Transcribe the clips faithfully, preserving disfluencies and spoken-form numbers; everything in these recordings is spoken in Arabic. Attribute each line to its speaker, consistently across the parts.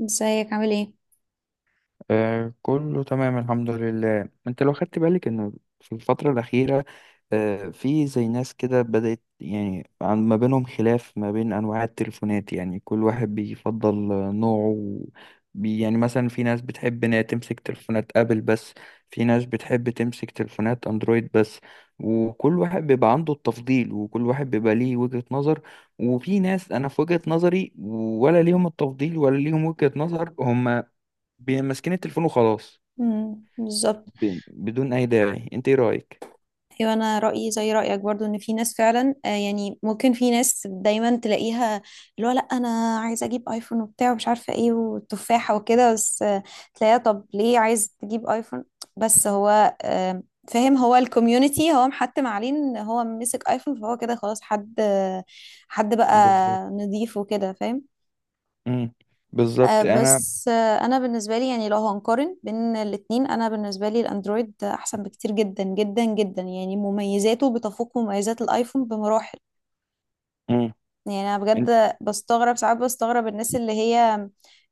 Speaker 1: ازيك عامل ايه؟
Speaker 2: آه كله تمام الحمد لله. انت لو خدت بالك ان في الفترة الأخيرة آه في زي ناس كده بدأت يعني عن ما بينهم خلاف ما بين أنواع التليفونات، يعني كل واحد بيفضل آه، نوعه. بي يعني مثلا في ناس بتحب انها تمسك تليفونات أبل بس، في ناس بتحب تمسك تليفونات أندرويد بس، وكل واحد بيبقى عنده التفضيل وكل واحد بيبقى ليه وجهة نظر. وفي ناس انا في وجهة نظري ولا ليهم التفضيل ولا ليهم وجهة نظر، هم بي- ماسكين التليفون وخلاص،
Speaker 1: امم بالظبط
Speaker 2: بي- بدون اي داعي. انت ايه رايك؟
Speaker 1: ايوه، انا رايي زي رايك برضو ان في ناس فعلا، آه يعني ممكن في ناس دايما تلاقيها، اللي هو لا، انا عايزه اجيب ايفون وبتاع ومش عارفه ايه والتفاحه وكده، بس آه تلاقيها طب ليه عايز تجيب ايفون؟ بس هو، آه فاهم، هو الكوميونتي هو محتم عليه ان هو مسك ايفون، فهو كده خلاص حد، آه، حد بقى
Speaker 2: بالظبط.
Speaker 1: نضيف وكده، فاهم.
Speaker 2: امم
Speaker 1: آه،
Speaker 2: بالظبط انا.
Speaker 1: بس، آه، انا بالنسبه لي يعني لو هنقارن بين الاتنين، انا بالنسبه لي الاندرويد احسن بكتير جدا جدا جدا، يعني مميزاته بتفوق مميزات الايفون بمراحل.
Speaker 2: امم
Speaker 1: يعني انا
Speaker 2: إن-
Speaker 1: بجد بستغرب، ساعات بستغرب الناس اللي هي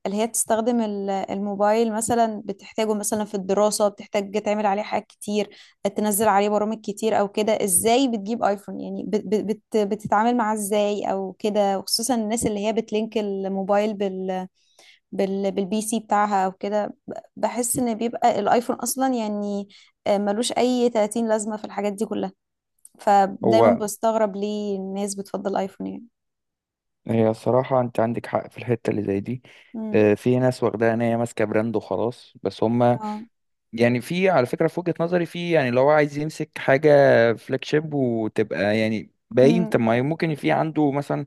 Speaker 1: اللي هي تستخدم ال- الموبايل مثلا، بتحتاجه مثلا في الدراسه، بتحتاج تعمل عليه حاجات كتير، تنزل عليه برامج كتير او كده، ازاي بتجيب ايفون؟ يعني بت بت بت- بتتعامل معاه ازاي او كده؟ وخصوصا الناس اللي هي بتلينك الموبايل بال بالبي سي بتاعها او كده. بحس ان بيبقى الايفون اصلا يعني آه، ملوش اي تلاتين لازمة في الحاجات دي كلها. فدايما
Speaker 2: هو
Speaker 1: بستغرب ليه الناس بتفضل ايفون يعني.
Speaker 2: هي الصراحه انت عندك حق في الحته اللي زي دي.
Speaker 1: امم.
Speaker 2: آه، في ناس واخداها ان هي ماسكه براند وخلاص بس هم،
Speaker 1: اه.
Speaker 2: يعني في على فكره في وجهه نظري، في يعني لو هو عايز يمسك حاجه فلاج شيب وتبقى يعني باين،
Speaker 1: امم.
Speaker 2: طب ما ممكن في عنده مثلا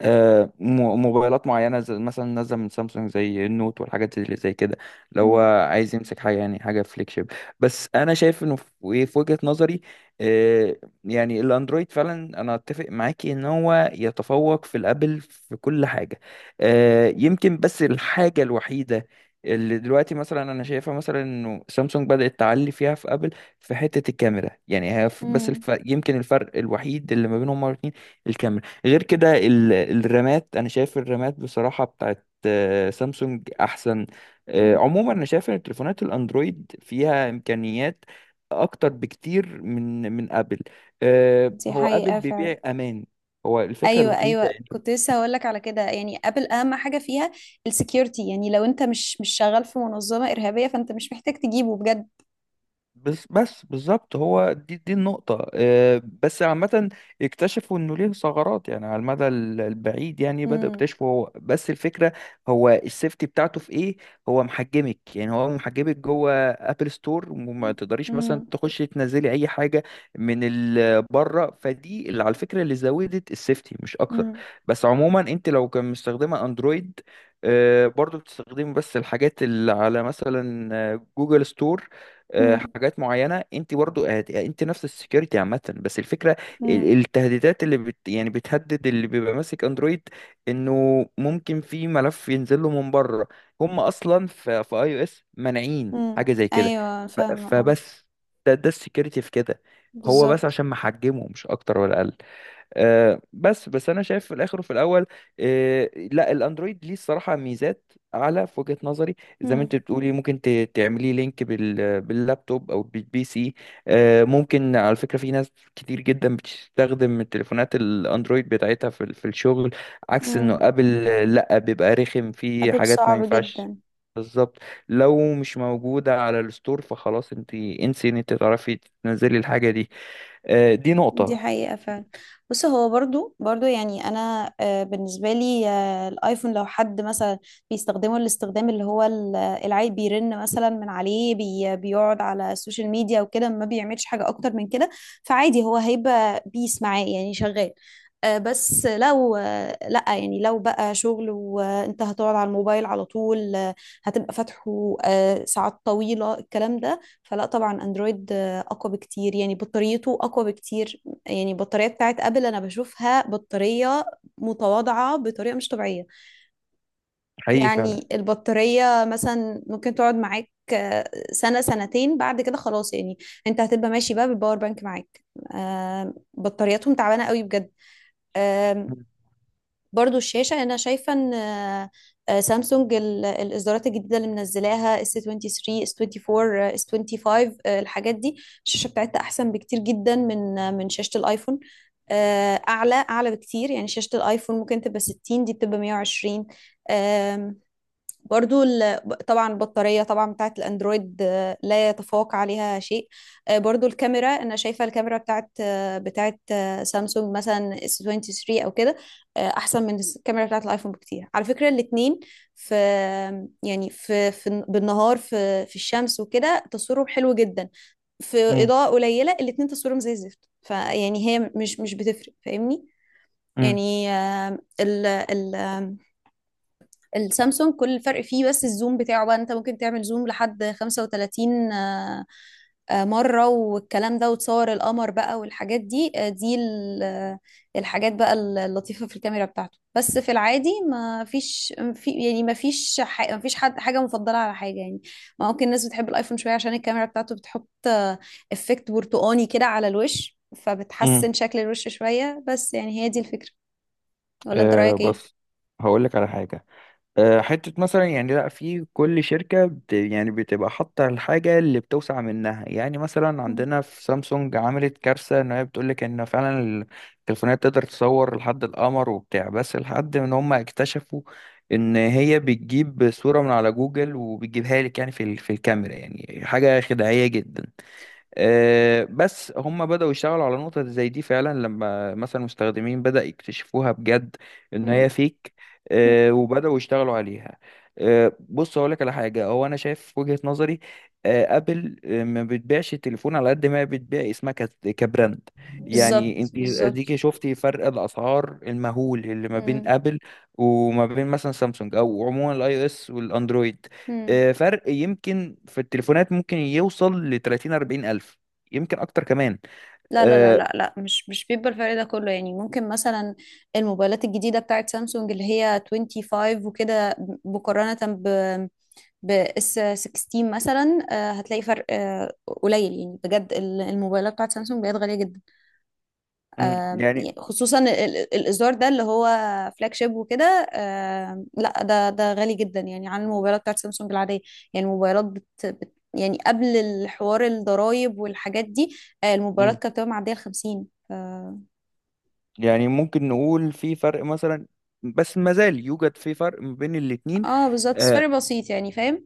Speaker 2: آه، مو- موبايلات معينة زي مثلا نازلة من سامسونج زي النوت والحاجات اللي زي كده. لو هو
Speaker 1: امم.
Speaker 2: عايز يمسك حاجة يعني حاجة فليج شيب. بس أنا شايف إنه في في وجهة نظري، آه، يعني الأندرويد فعلا أنا أتفق معاكي إن هو يتفوق في الأبل في كل حاجة. آه، يمكن بس الحاجة الوحيدة اللي دلوقتي مثلا انا شايفها، مثلا انه سامسونج بدأت تعلي فيها في ابل في حتة الكاميرا، يعني هي ف- بس
Speaker 1: امم.
Speaker 2: الف... يمكن الفرق الوحيد اللي ما بينهم هما الاتنين الكاميرا. غير كده ال- الرامات، انا شايف الرامات بصراحة بتاعت آه، سامسونج احسن. آه،
Speaker 1: أمم.
Speaker 2: عموما انا شايف ان التليفونات الاندرويد فيها امكانيات اكتر بكتير من من ابل. آه،
Speaker 1: دي
Speaker 2: هو ابل
Speaker 1: حقيقة
Speaker 2: بيبيع
Speaker 1: فعلا.
Speaker 2: امان، هو الفكرة
Speaker 1: ايوه،
Speaker 2: الوحيدة.
Speaker 1: ايوه، كنت لسه هقول لك على كده. يعني ابل اهم حاجه فيها السكيورتي، يعني لو انت مش مش شغال في منظمه ارهابيه، فانت مش محتاج تجيبه بجد.
Speaker 2: بس بس بالظبط هو دي دي النقطة. آه، بس عامة اكتشفوا انه ليه ثغرات يعني على المدى ال- البعيد، يعني بدأوا
Speaker 1: امم.
Speaker 2: يكتشفوا. هو بس الفكرة هو السيفتي بتاعته في ايه. هو محجمك، يعني هو محجمك جوه ابل ستور وما تقدريش مثلا
Speaker 1: امم.
Speaker 2: تخشي تنزلي اي حاجة من ال- بره. فدي اللي على الفكرة اللي زودت السيفتي مش اكتر.
Speaker 1: امم.
Speaker 2: بس عموما انت لو كان مستخدمة اندرويد، آه، برضو بتستخدمي بس الحاجات اللي على مثلا آه، جوجل ستور، آه، حاجات معينه. انت برضو هت- يعني انت نفس السكيورتي عامه. بس الفكره ال-
Speaker 1: امم.
Speaker 2: التهديدات اللي بت يعني بتهدد اللي بيبقى ماسك اندرويد، انه ممكن في ملف ينزل له من بره. هم اصلا في في اي او اس مانعين
Speaker 1: امم.
Speaker 2: حاجه زي كده.
Speaker 1: ايوه،
Speaker 2: ف-
Speaker 1: فاهمه، اه.
Speaker 2: فبس ده ده السكيورتي في كده، هو بس
Speaker 1: بالظبط.
Speaker 2: عشان محجمه مش اكتر ولا اقل. آه، بس بس انا شايف في الاخر وفي الاول، آه، لا الاندرويد ليه الصراحه ميزات اعلى في وجهه نظري. زي ما انت
Speaker 1: مم.
Speaker 2: بتقولي ممكن ت- تعملي لينك بال باللابتوب او بالبي سي. آه، ممكن على فكره في ناس كتير جدا بتستخدم التليفونات الاندرويد بتاعتها في ال- في الشغل، عكس انه
Speaker 1: مم.
Speaker 2: ابل آه، لا بيبقى رخم في
Speaker 1: ابل
Speaker 2: حاجات ما
Speaker 1: صعب
Speaker 2: ينفعش.
Speaker 1: جدا.
Speaker 2: بالظبط، لو مش موجوده على الستور فخلاص انت انسي ان انت تعرفي تنزلي الحاجه دي. آه، دي
Speaker 1: دي
Speaker 2: نقطه
Speaker 1: حقيقة فعلا. بص، هو برضو برضو يعني، أنا آه، بالنسبة لي آه، الآيفون، لو حد مثلا بيستخدمه الاستخدام اللي هو ال- العيب، بيرن مثلا من عليه، بي بيقعد على السوشيال ميديا وكده، ما بيعملش حاجة أكتر من كده، فعادي هو هيبقى بيس معاه يعني شغال. آه، بس لو، آه، لأ يعني، لو بقى شغل وأنت هتقعد على الموبايل على طول، آه، هتبقى فاتحه آه، ساعات طويلة الكلام ده، فلا طبعا أندرويد آه، أقوى بكتير، يعني بطاريته أقوى بكتير. يعني البطارية بتاعت ابل انا بشوفها بطارية متواضعة بطريقة مش طبيعية.
Speaker 2: حقيقي فعلا.
Speaker 1: يعني البطارية مثلا ممكن تقعد معاك آه، سنة سنتين، بعد كده خلاص، يعني انت هتبقى ماشي بقى بالباور بانك معاك. آم، بطارياتهم تعبانة قوي، بجد. برضو الشاشة أنا شايفة إن آه، آه، سامسونج ال- الإصدارات الجديدة اللي منزلاها اس تو ثري اس تو فور، آه، اس تو فايف، آه، الحاجات دي الشاشة بتاعتها أحسن بكتير جدا من، آه، من شاشة الآيفون. آه، أعلى أعلى بكتير يعني، شاشة الآيفون ممكن تبقى ستين، دي بتبقى مية وعشرين. برضو ال- طبعا البطارية طبعا بتاعت الأندرويد آه، لا يتفوق عليها شيء. آه، برضو الكاميرا أنا شايفة الكاميرا بتاعت آه، بتاعت آه، سامسونج مثلا اس تو ثري أو كده، آه، أحسن من الكاميرا بتاعت الآيفون بكتير، على فكرة. الاتنين في، يعني في, في بالنهار، في في الشمس وكده تصويرهم حلو جدا. في
Speaker 2: امم
Speaker 1: إضاءة قليلة الاتنين تصويرهم زي الزفت، فيعني هي مش مش بتفرق، فاهمني؟
Speaker 2: امم
Speaker 1: يعني آه، ال ال السامسونج كل الفرق فيه بس الزوم بتاعه بقى، انت ممكن تعمل زوم لحد خمسة وتلاتين آه، آه، مرة والكلام ده، وتصور القمر بقى والحاجات دي، آه، دي ال- آه، الحاجات بقى اللطيفة في الكاميرا بتاعته. بس في العادي ما فيش، في يعني ما فيش، ح- ما فيش حد حاجة مفضلة على حاجة يعني. ممكن الناس بتحب الايفون شوية عشان الكاميرا بتاعته بتحط آه، افكت برتقاني كده على الوش،
Speaker 2: امم
Speaker 1: فبتحسن شكل الوش شوية، بس يعني هي دي الفكرة، ولا انت
Speaker 2: أه
Speaker 1: رأيك ايه؟
Speaker 2: بص هقول لك على حاجه. أه، حته مثلا يعني لا في كل شركه بت يعني بتبقى حاطه الحاجه اللي بتوسع منها، يعني مثلا
Speaker 1: مم.
Speaker 2: عندنا في سامسونج عملت كارثه ان هي بتقول لك ان فعلا التليفونات تقدر تصور لحد القمر وبتاع، بس لحد ان هم اكتشفوا ان هي بتجيب صوره من على جوجل وبتجيبها لك يعني في ال- في الكاميرا، يعني حاجه خداعيه جدا. آه، بس هم بدأوا يشتغلوا على نقطة زي دي فعلا لما مثلا المستخدمين بدأ يكتشفوها بجد إن هي فيك.
Speaker 1: مم.
Speaker 2: آه، وبدأوا يشتغلوا عليها. آه، بص هقول لك على حاجة هو أنا شايف وجهة نظري، آه، أبل آه، ما بتبيعش التليفون على قد ما هي بتبيع اسمها كت- كبراند. يعني
Speaker 1: بالظبط،
Speaker 2: أنت
Speaker 1: بالظبط.
Speaker 2: أديكي شفتي فرق الأسعار المهول اللي ما بين
Speaker 1: مم.
Speaker 2: أبل وما بين مثلا سامسونج أو عموما الأي أو إس والأندرويد.
Speaker 1: مم.
Speaker 2: آه، فرق يمكن في التليفونات ممكن يوصل ل تلاتين اربعين الف، يمكن اكتر كمان.
Speaker 1: لا، لا، لا،
Speaker 2: آه،
Speaker 1: لا، لا، مش مش بيبقى الفرق ده كله. يعني ممكن مثلا الموبايلات الجديدة بتاعت سامسونج اللي هي خمسة وعشرين وكده، مقارنة ب، ب اس ستاشر مثلا، آه، هتلاقي فرق آه، قليل. يعني بجد ال- الموبايلات بتاعت سامسونج بقت غالية جدا.
Speaker 2: مم،
Speaker 1: آم، يعني
Speaker 2: يعني
Speaker 1: خصوصا ال- ال- الازار ده اللي هو فلاج شيب وكده، آم، لا ده ده غالي جدا يعني عن الموبايلات بتاعت سامسونج العاديه. يعني الموبايلات بت بت يعني قبل الحوار الضرايب والحاجات دي، آه،
Speaker 2: مم،
Speaker 1: الموبايلات كانت بتبقى معديه ال خمسين ف-
Speaker 2: يعني ممكن نقول في فرق مثلا، بس ما زال يوجد في فرق ما بين الاتنين.
Speaker 1: اه بالظبط، بس
Speaker 2: آه،
Speaker 1: فرق بسيط يعني، فاهم.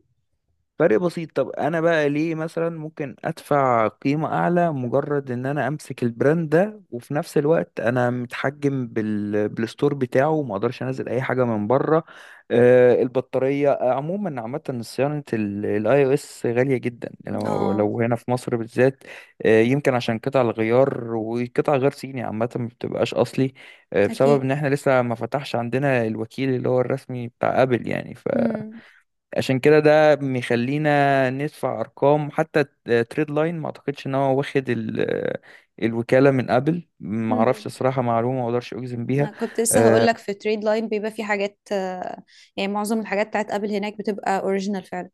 Speaker 2: فرق بسيط. طب انا بقى ليه مثلا ممكن ادفع قيمة اعلى مجرد ان انا امسك البراند ده وفي نفس الوقت انا متحجم بال... بالستور بتاعه وما اقدرش انزل اي حاجة من بره. آه البطارية آه، عموما عامة صيانة الاي او اس غالية جدا لو
Speaker 1: اه.
Speaker 2: لو هنا في مصر بالذات. آه يمكن عشان قطع الغيار وقطع غير صيني عامة ما بتبقاش اصلي. آه بسبب
Speaker 1: اكيد.
Speaker 2: ان احنا لسه ما فتحش عندنا الوكيل اللي هو الرسمي بتاع ابل يعني.
Speaker 1: امم.
Speaker 2: عشان كده ده بيخلينا ندفع ارقام. حتى تريد لاين ما اعتقدش ان هو واخد ال- الوكاله من ابل، ما اعرفش
Speaker 1: امم.
Speaker 2: الصراحه، معلومه ما اقدرش اجزم بيها.
Speaker 1: انا كنت لسه هقول
Speaker 2: آه،
Speaker 1: لك، في تريد لاين بيبقى في حاجات، آه، يعني معظم الحاجات بتاعت ابل هناك بتبقى اوريجينال فعلا.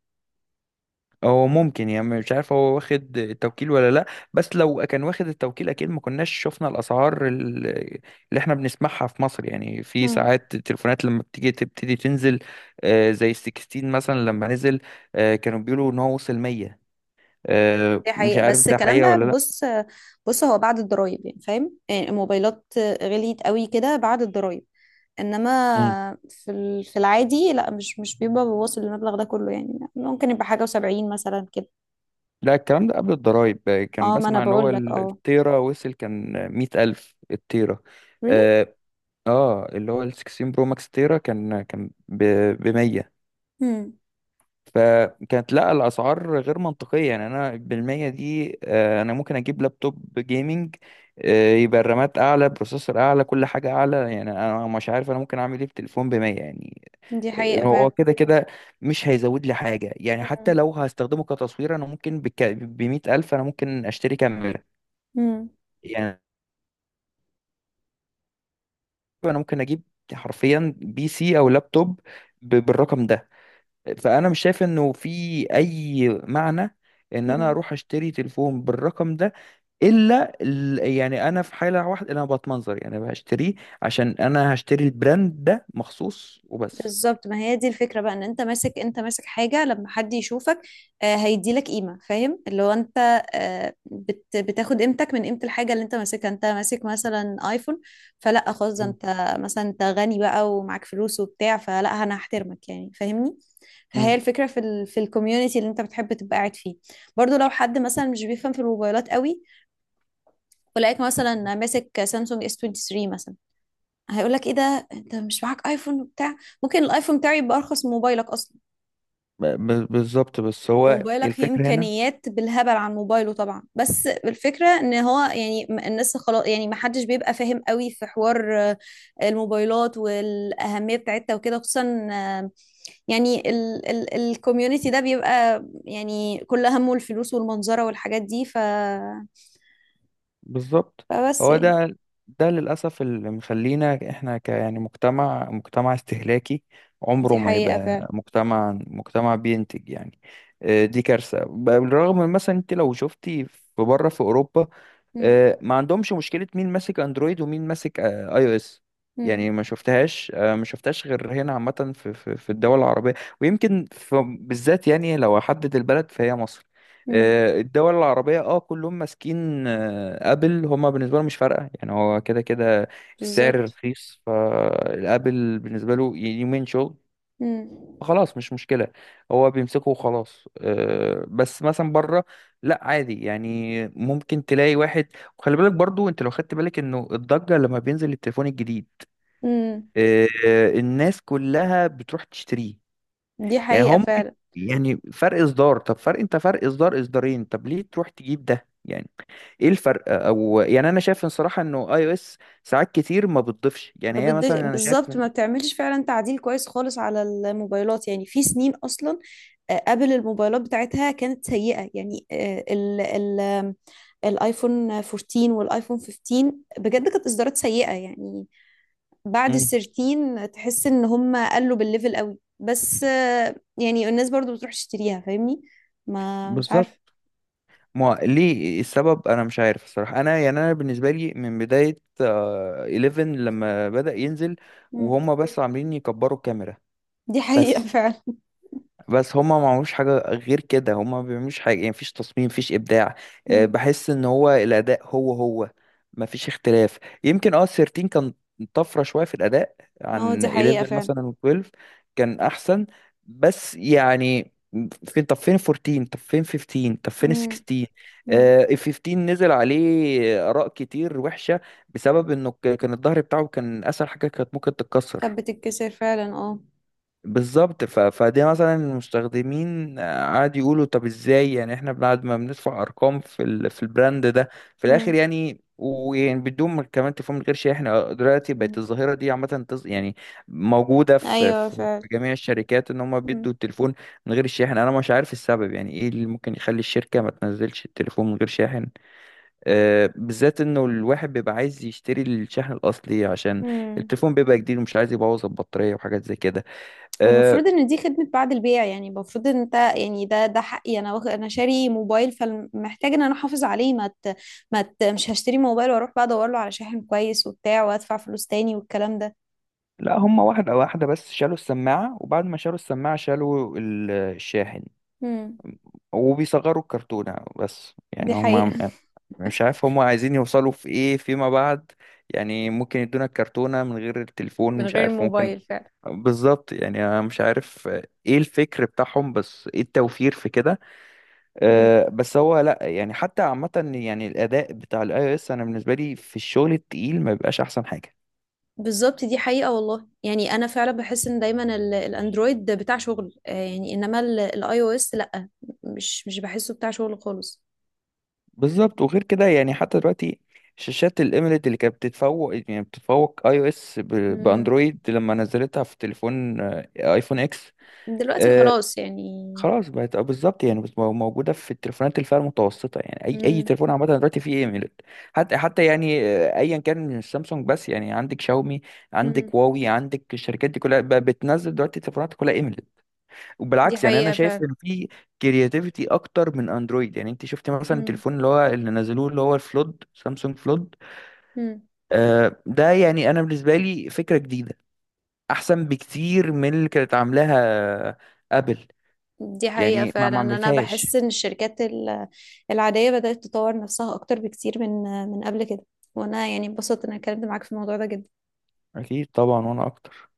Speaker 2: هو ممكن، يعني مش عارف هو واخد التوكيل ولا لا. بس لو كان واخد التوكيل اكيد ما كناش شفنا الاسعار ال- اللي احنا بنسمعها في مصر. يعني في ساعات التليفونات لما بتيجي تبتدي تنزل، آه، زي ال ستاشر مثلا لما نزل، آه، كانوا بيقولوا ان هو وصل مية. آه،
Speaker 1: دي
Speaker 2: مش
Speaker 1: حقيقة.
Speaker 2: عارف
Speaker 1: بس
Speaker 2: ده
Speaker 1: الكلام
Speaker 2: حقيقه
Speaker 1: ده
Speaker 2: ولا
Speaker 1: بص، بص هو بعد الضرايب، يعني فاهم، يعني الموبايلات غليت قوي كده بعد الضرايب.
Speaker 2: لا.
Speaker 1: انما في ال- في العادي لا، مش مش بيبقى بواصل المبلغ ده كله، يعني ممكن يبقى حاجة وسبعين مثلا كده.
Speaker 2: لا الكلام ده قبل الضرايب. آه، كان
Speaker 1: اه، ما انا
Speaker 2: بسمع ان هو
Speaker 1: بقول لك،
Speaker 2: ال-
Speaker 1: اه.
Speaker 2: التيرا وصل، كان مية ألف التيرا.
Speaker 1: Really.
Speaker 2: اه، آه، اللي هو ال ستاشر برو ماكس تيرا كان كان ب مية.
Speaker 1: امم.
Speaker 2: فكانت لا الاسعار غير منطقيه يعني. انا بالمية دي آه، انا ممكن اجيب لابتوب جيمنج، آه، يبقى الرامات اعلى بروسيسور اعلى كل حاجه اعلى. يعني انا مش عارف انا ممكن اعمل ايه في تليفون ب مية يعني.
Speaker 1: دي حقيقة
Speaker 2: هو
Speaker 1: فعلا.
Speaker 2: كده كده مش هيزود لي حاجة. يعني حتى لو هستخدمه كتصوير أنا ممكن بك... بمية ألف أنا ممكن أشتري كاميرا يعني. أنا ممكن أجيب حرفيا بي سي أو لابتوب ب... بالرقم ده. فأنا مش شايف إنه في أي معنى إن أنا
Speaker 1: امم.
Speaker 2: أروح أشتري تليفون بالرقم ده، إلا ال... يعني أنا في حالة واحدة أنا بتمنظر يعني هشتريه عشان أنا هشتري البراند ده مخصوص وبس.
Speaker 1: بالظبط. ما هي دي الفكرة بقى ان انت ماسك انت ماسك حاجة، لما حد يشوفك آه، هيديلك قيمة، فاهم اللي هو انت، آه، بت بتاخد قيمتك من قيمة الحاجة اللي انت ماسكها. انت ماسك مثلا ايفون، فلا خلاص، ده
Speaker 2: مم.
Speaker 1: انت مثلا انت غني بقى ومعاك فلوس وبتاع، فلا انا هحترمك يعني، فاهمني؟ فهي
Speaker 2: مم.
Speaker 1: الفكرة في ال في الكوميونتي اللي انت بتحب تبقى قاعد فيه. برضو لو حد مثلا مش بيفهم في الموبايلات قوي، ولقاك مثلا ماسك سامسونج اس تو ثري مثلا، هيقولك ايه ده انت مش معاك ايفون وبتاع؟ ممكن الايفون بتاعي يبقى ارخص من موبايلك اصلا،
Speaker 2: ب... ب- بالظبط بس هو
Speaker 1: وموبايلك فيه
Speaker 2: الفكرة هنا.
Speaker 1: امكانيات بالهبل عن موبايله طبعا. بس الفكره ان هو يعني، م- الناس خلاص يعني، ما حدش بيبقى فاهم قوي في حوار آه، الموبايلات والاهميه بتاعتها وكده، خصوصا آه، يعني ال ال الكوميونتي ده بيبقى يعني كل همه الفلوس والمنظره والحاجات دي، ف
Speaker 2: بالظبط،
Speaker 1: فبس
Speaker 2: هو
Speaker 1: يعني.
Speaker 2: ده ده للأسف اللي مخلينا احنا ك يعني مجتمع مجتمع استهلاكي، عمره
Speaker 1: دي
Speaker 2: ما
Speaker 1: حقيقه
Speaker 2: يبقى
Speaker 1: فعلا.
Speaker 2: مجتمع مجتمع بينتج يعني. آه، دي كارثة. ب- بالرغم من مثلا انت لو شفتي في بره في أوروبا،
Speaker 1: امم.
Speaker 2: آه، ما عندهمش مشكلة مين ماسك اندرويد ومين ماسك آه، اي او اس. يعني ما شفتهاش، آه، ما شفتهاش غير هنا عامة في في في الدول العربية. ويمكن في- بالذات يعني لو احدد البلد فهي مصر.
Speaker 1: امم.
Speaker 2: آه، الدول العربية اه كلهم ماسكين آه، ابل. هما بالنسبة له مش فارقة يعني، هو كده كده السعر
Speaker 1: بالظبط.
Speaker 2: رخيص فالابل بالنسبة له يومين شغل
Speaker 1: امم.
Speaker 2: خلاص مش مشكلة. هو بيمسكه وخلاص. أه بس مثلا بره لا عادي، يعني ممكن تلاقي واحد. وخلي بالك برضو انت لو خدت بالك انه الضجة لما بينزل التليفون الجديد، أه الناس كلها بتروح تشتريه.
Speaker 1: دي
Speaker 2: يعني هو
Speaker 1: حقيقه
Speaker 2: ممكن
Speaker 1: فعلا.
Speaker 2: يعني فرق اصدار، طب فرق انت فرق اصدار اصدارين طب ليه تروح تجيب ده يعني. ايه الفرق؟ او يعني انا شايف الصراحة انه اي او اس ساعات كتير ما بتضيفش، يعني
Speaker 1: ما
Speaker 2: هي مثلا
Speaker 1: بدش
Speaker 2: انا شايف.
Speaker 1: بالظبط، ما بتعملش فعلا تعديل كويس خالص على الموبايلات يعني في سنين اصلا، آه، قبل الموبايلات بتاعتها كانت سيئة. يعني آه، ال ال آم، الايفون اربعتاشر والايفون خمسة عشر بجد كانت اصدارات سيئة. يعني بعد ال
Speaker 2: مم،
Speaker 1: تلتاشر تحس ان هم قلوا بالليفل قوي، بس آه، يعني الناس برضو بتروح تشتريها، فاهمني؟ ما مش
Speaker 2: بالظبط.
Speaker 1: عارفة.
Speaker 2: ما ليه السبب انا مش عارف الصراحه. انا يعني انا بالنسبه لي من بدايه آه، احداشر لما بدأ ينزل
Speaker 1: مم.
Speaker 2: وهم بس عاملين يكبروا الكاميرا.
Speaker 1: دي حقيقة
Speaker 2: بس
Speaker 1: فعلا.
Speaker 2: بس هما ما عملوش حاجة غير كده، هما ما بيعملوش حاجة. يعني مفيش تصميم مفيش إبداع. آه،
Speaker 1: مم.
Speaker 2: بحس إن هو الأداء هو هو مفيش اختلاف. يمكن اه ثلاثة عشر كان طفرة شوية في الأداء
Speaker 1: اه
Speaker 2: عن
Speaker 1: دي حقيقة
Speaker 2: احداشر
Speaker 1: فعلا.
Speaker 2: مثلا و اثنا عشر كان أحسن. بس يعني فين؟ طب فين اربعتاشر؟ طب فين خمستاشر؟ طب فين
Speaker 1: مم.
Speaker 2: ستاشر؟
Speaker 1: مم.
Speaker 2: آه، ال خمستاشر نزل عليه آراء كتير وحشة، بسبب إنه ك- كان الظهر بتاعه كان أسهل حاجة كانت ممكن تتكسر.
Speaker 1: كانت بتتكسر فعلا، اه.
Speaker 2: بالظبط. ف... فدي مثلا المستخدمين آه، قعدوا يقولوا طب ازاي يعني احنا بعد ما بندفع ارقام في ال... في البراند ده في الاخر
Speaker 1: مم.
Speaker 2: يعني، ويعني بدون ما كمان تفهم من غير شيء. احنا دلوقتي بقت
Speaker 1: مم.
Speaker 2: الظاهره دي عامه تز... يعني موجوده في...
Speaker 1: ايوه
Speaker 2: في في
Speaker 1: فعلا.
Speaker 2: جميع الشركات، ان هم
Speaker 1: مم.
Speaker 2: بيدوا التليفون من غير الشاحن. انا مش عارف السبب، يعني ايه اللي ممكن يخلي الشركه ما تنزلش التليفون من غير شاحن. أه بالذات انه الواحد بيبقى عايز يشتري الشاحن الاصلي عشان
Speaker 1: مم.
Speaker 2: التليفون بيبقى جديد ومش عايز يبوظ البطاريه وحاجات زي كده.
Speaker 1: والمفروض
Speaker 2: آه،
Speaker 1: ان دي خدمة بعد البيع، يعني المفروض ان انت يعني، ده ده حقي، انا واخد، انا شاري موبايل فمحتاج ان انا احافظ عليه. ما ت... ما ت... مش هشتري موبايل واروح بقى ادور له على شاحن كويس وبتاع وادفع فلوس تاني والكلام ده.
Speaker 2: لا هما واحدة واحدة، بس شالوا السماعة وبعد ما شالوا السماعة شالوا ال- الشاحن
Speaker 1: مم.
Speaker 2: وبيصغروا الكرتونة. بس يعني
Speaker 1: دي حقيقة
Speaker 2: هما مش عارف هما عايزين يوصلوا في ايه فيما بعد. يعني ممكن يدونا الكرتونة من غير التليفون،
Speaker 1: من
Speaker 2: مش
Speaker 1: غير
Speaker 2: عارف ممكن.
Speaker 1: موبايل فعلا.
Speaker 2: بالظبط يعني انا مش عارف ايه الفكر بتاعهم، بس ايه التوفير في كده؟
Speaker 1: مم.
Speaker 2: أه بس هو لا، يعني حتى عامة يعني الأداء بتاع الاي او اس انا بالنسبة لي في الشغل التقيل ما بيبقاش احسن حاجة.
Speaker 1: بالظبط، دي حقيقة والله. يعني انا فعلا بحس ان دايما ال... الاندرويد بتاع شغل، آه، يعني انما الاي او اس لا، مش مش بحسه بتاع شغل خالص.
Speaker 2: بالظبط وغير كده. يعني حتى دلوقتي شاشات الاميليد اللي كانت بتتفوق، يعني بتتفوق اي او اس ب-
Speaker 1: مم.
Speaker 2: باندرويد لما نزلتها في تليفون آه، ايفون اكس.
Speaker 1: دلوقتي
Speaker 2: آه
Speaker 1: خلاص يعني.
Speaker 2: خلاص بقت آه، بالظبط يعني. بس مو- موجوده في التليفونات الفئه المتوسطه، يعني اي اي
Speaker 1: مم.
Speaker 2: تليفون عامه دلوقتي فيه ايميليد. حتى حتى يعني آه، ايا كان مش سامسونج بس، يعني عندك شاومي
Speaker 1: مم.
Speaker 2: عندك هواوي عندك الشركات دي كلها بقى بتنزل دلوقتي تليفونات كلها ايميليد.
Speaker 1: دي
Speaker 2: وبالعكس يعني انا
Speaker 1: حقيقة
Speaker 2: شايف
Speaker 1: فعلا.
Speaker 2: ان في كرياتيفيتي اكتر من اندرويد. يعني انت شفت مثلا
Speaker 1: مم.
Speaker 2: التليفون اللي هو اللي نزلوه اللي هو الفلود، سامسونج فلود.
Speaker 1: مم.
Speaker 2: آه ده يعني انا بالنسبه لي فكره جديده احسن بكتير من اللي كانت عاملاها ابل،
Speaker 1: دي حقيقة
Speaker 2: يعني ما
Speaker 1: فعلا.
Speaker 2: ما
Speaker 1: أنا بحس
Speaker 2: عملتهاش.
Speaker 1: إن الشركات ال- العادية بدأت تطور نفسها أكتر بكتير من، من قبل كده. وأنا يعني اتبسطت إن أنا اتكلمت معاك في الموضوع ده جدا.
Speaker 2: اكيد طبعا، وانا اكتر.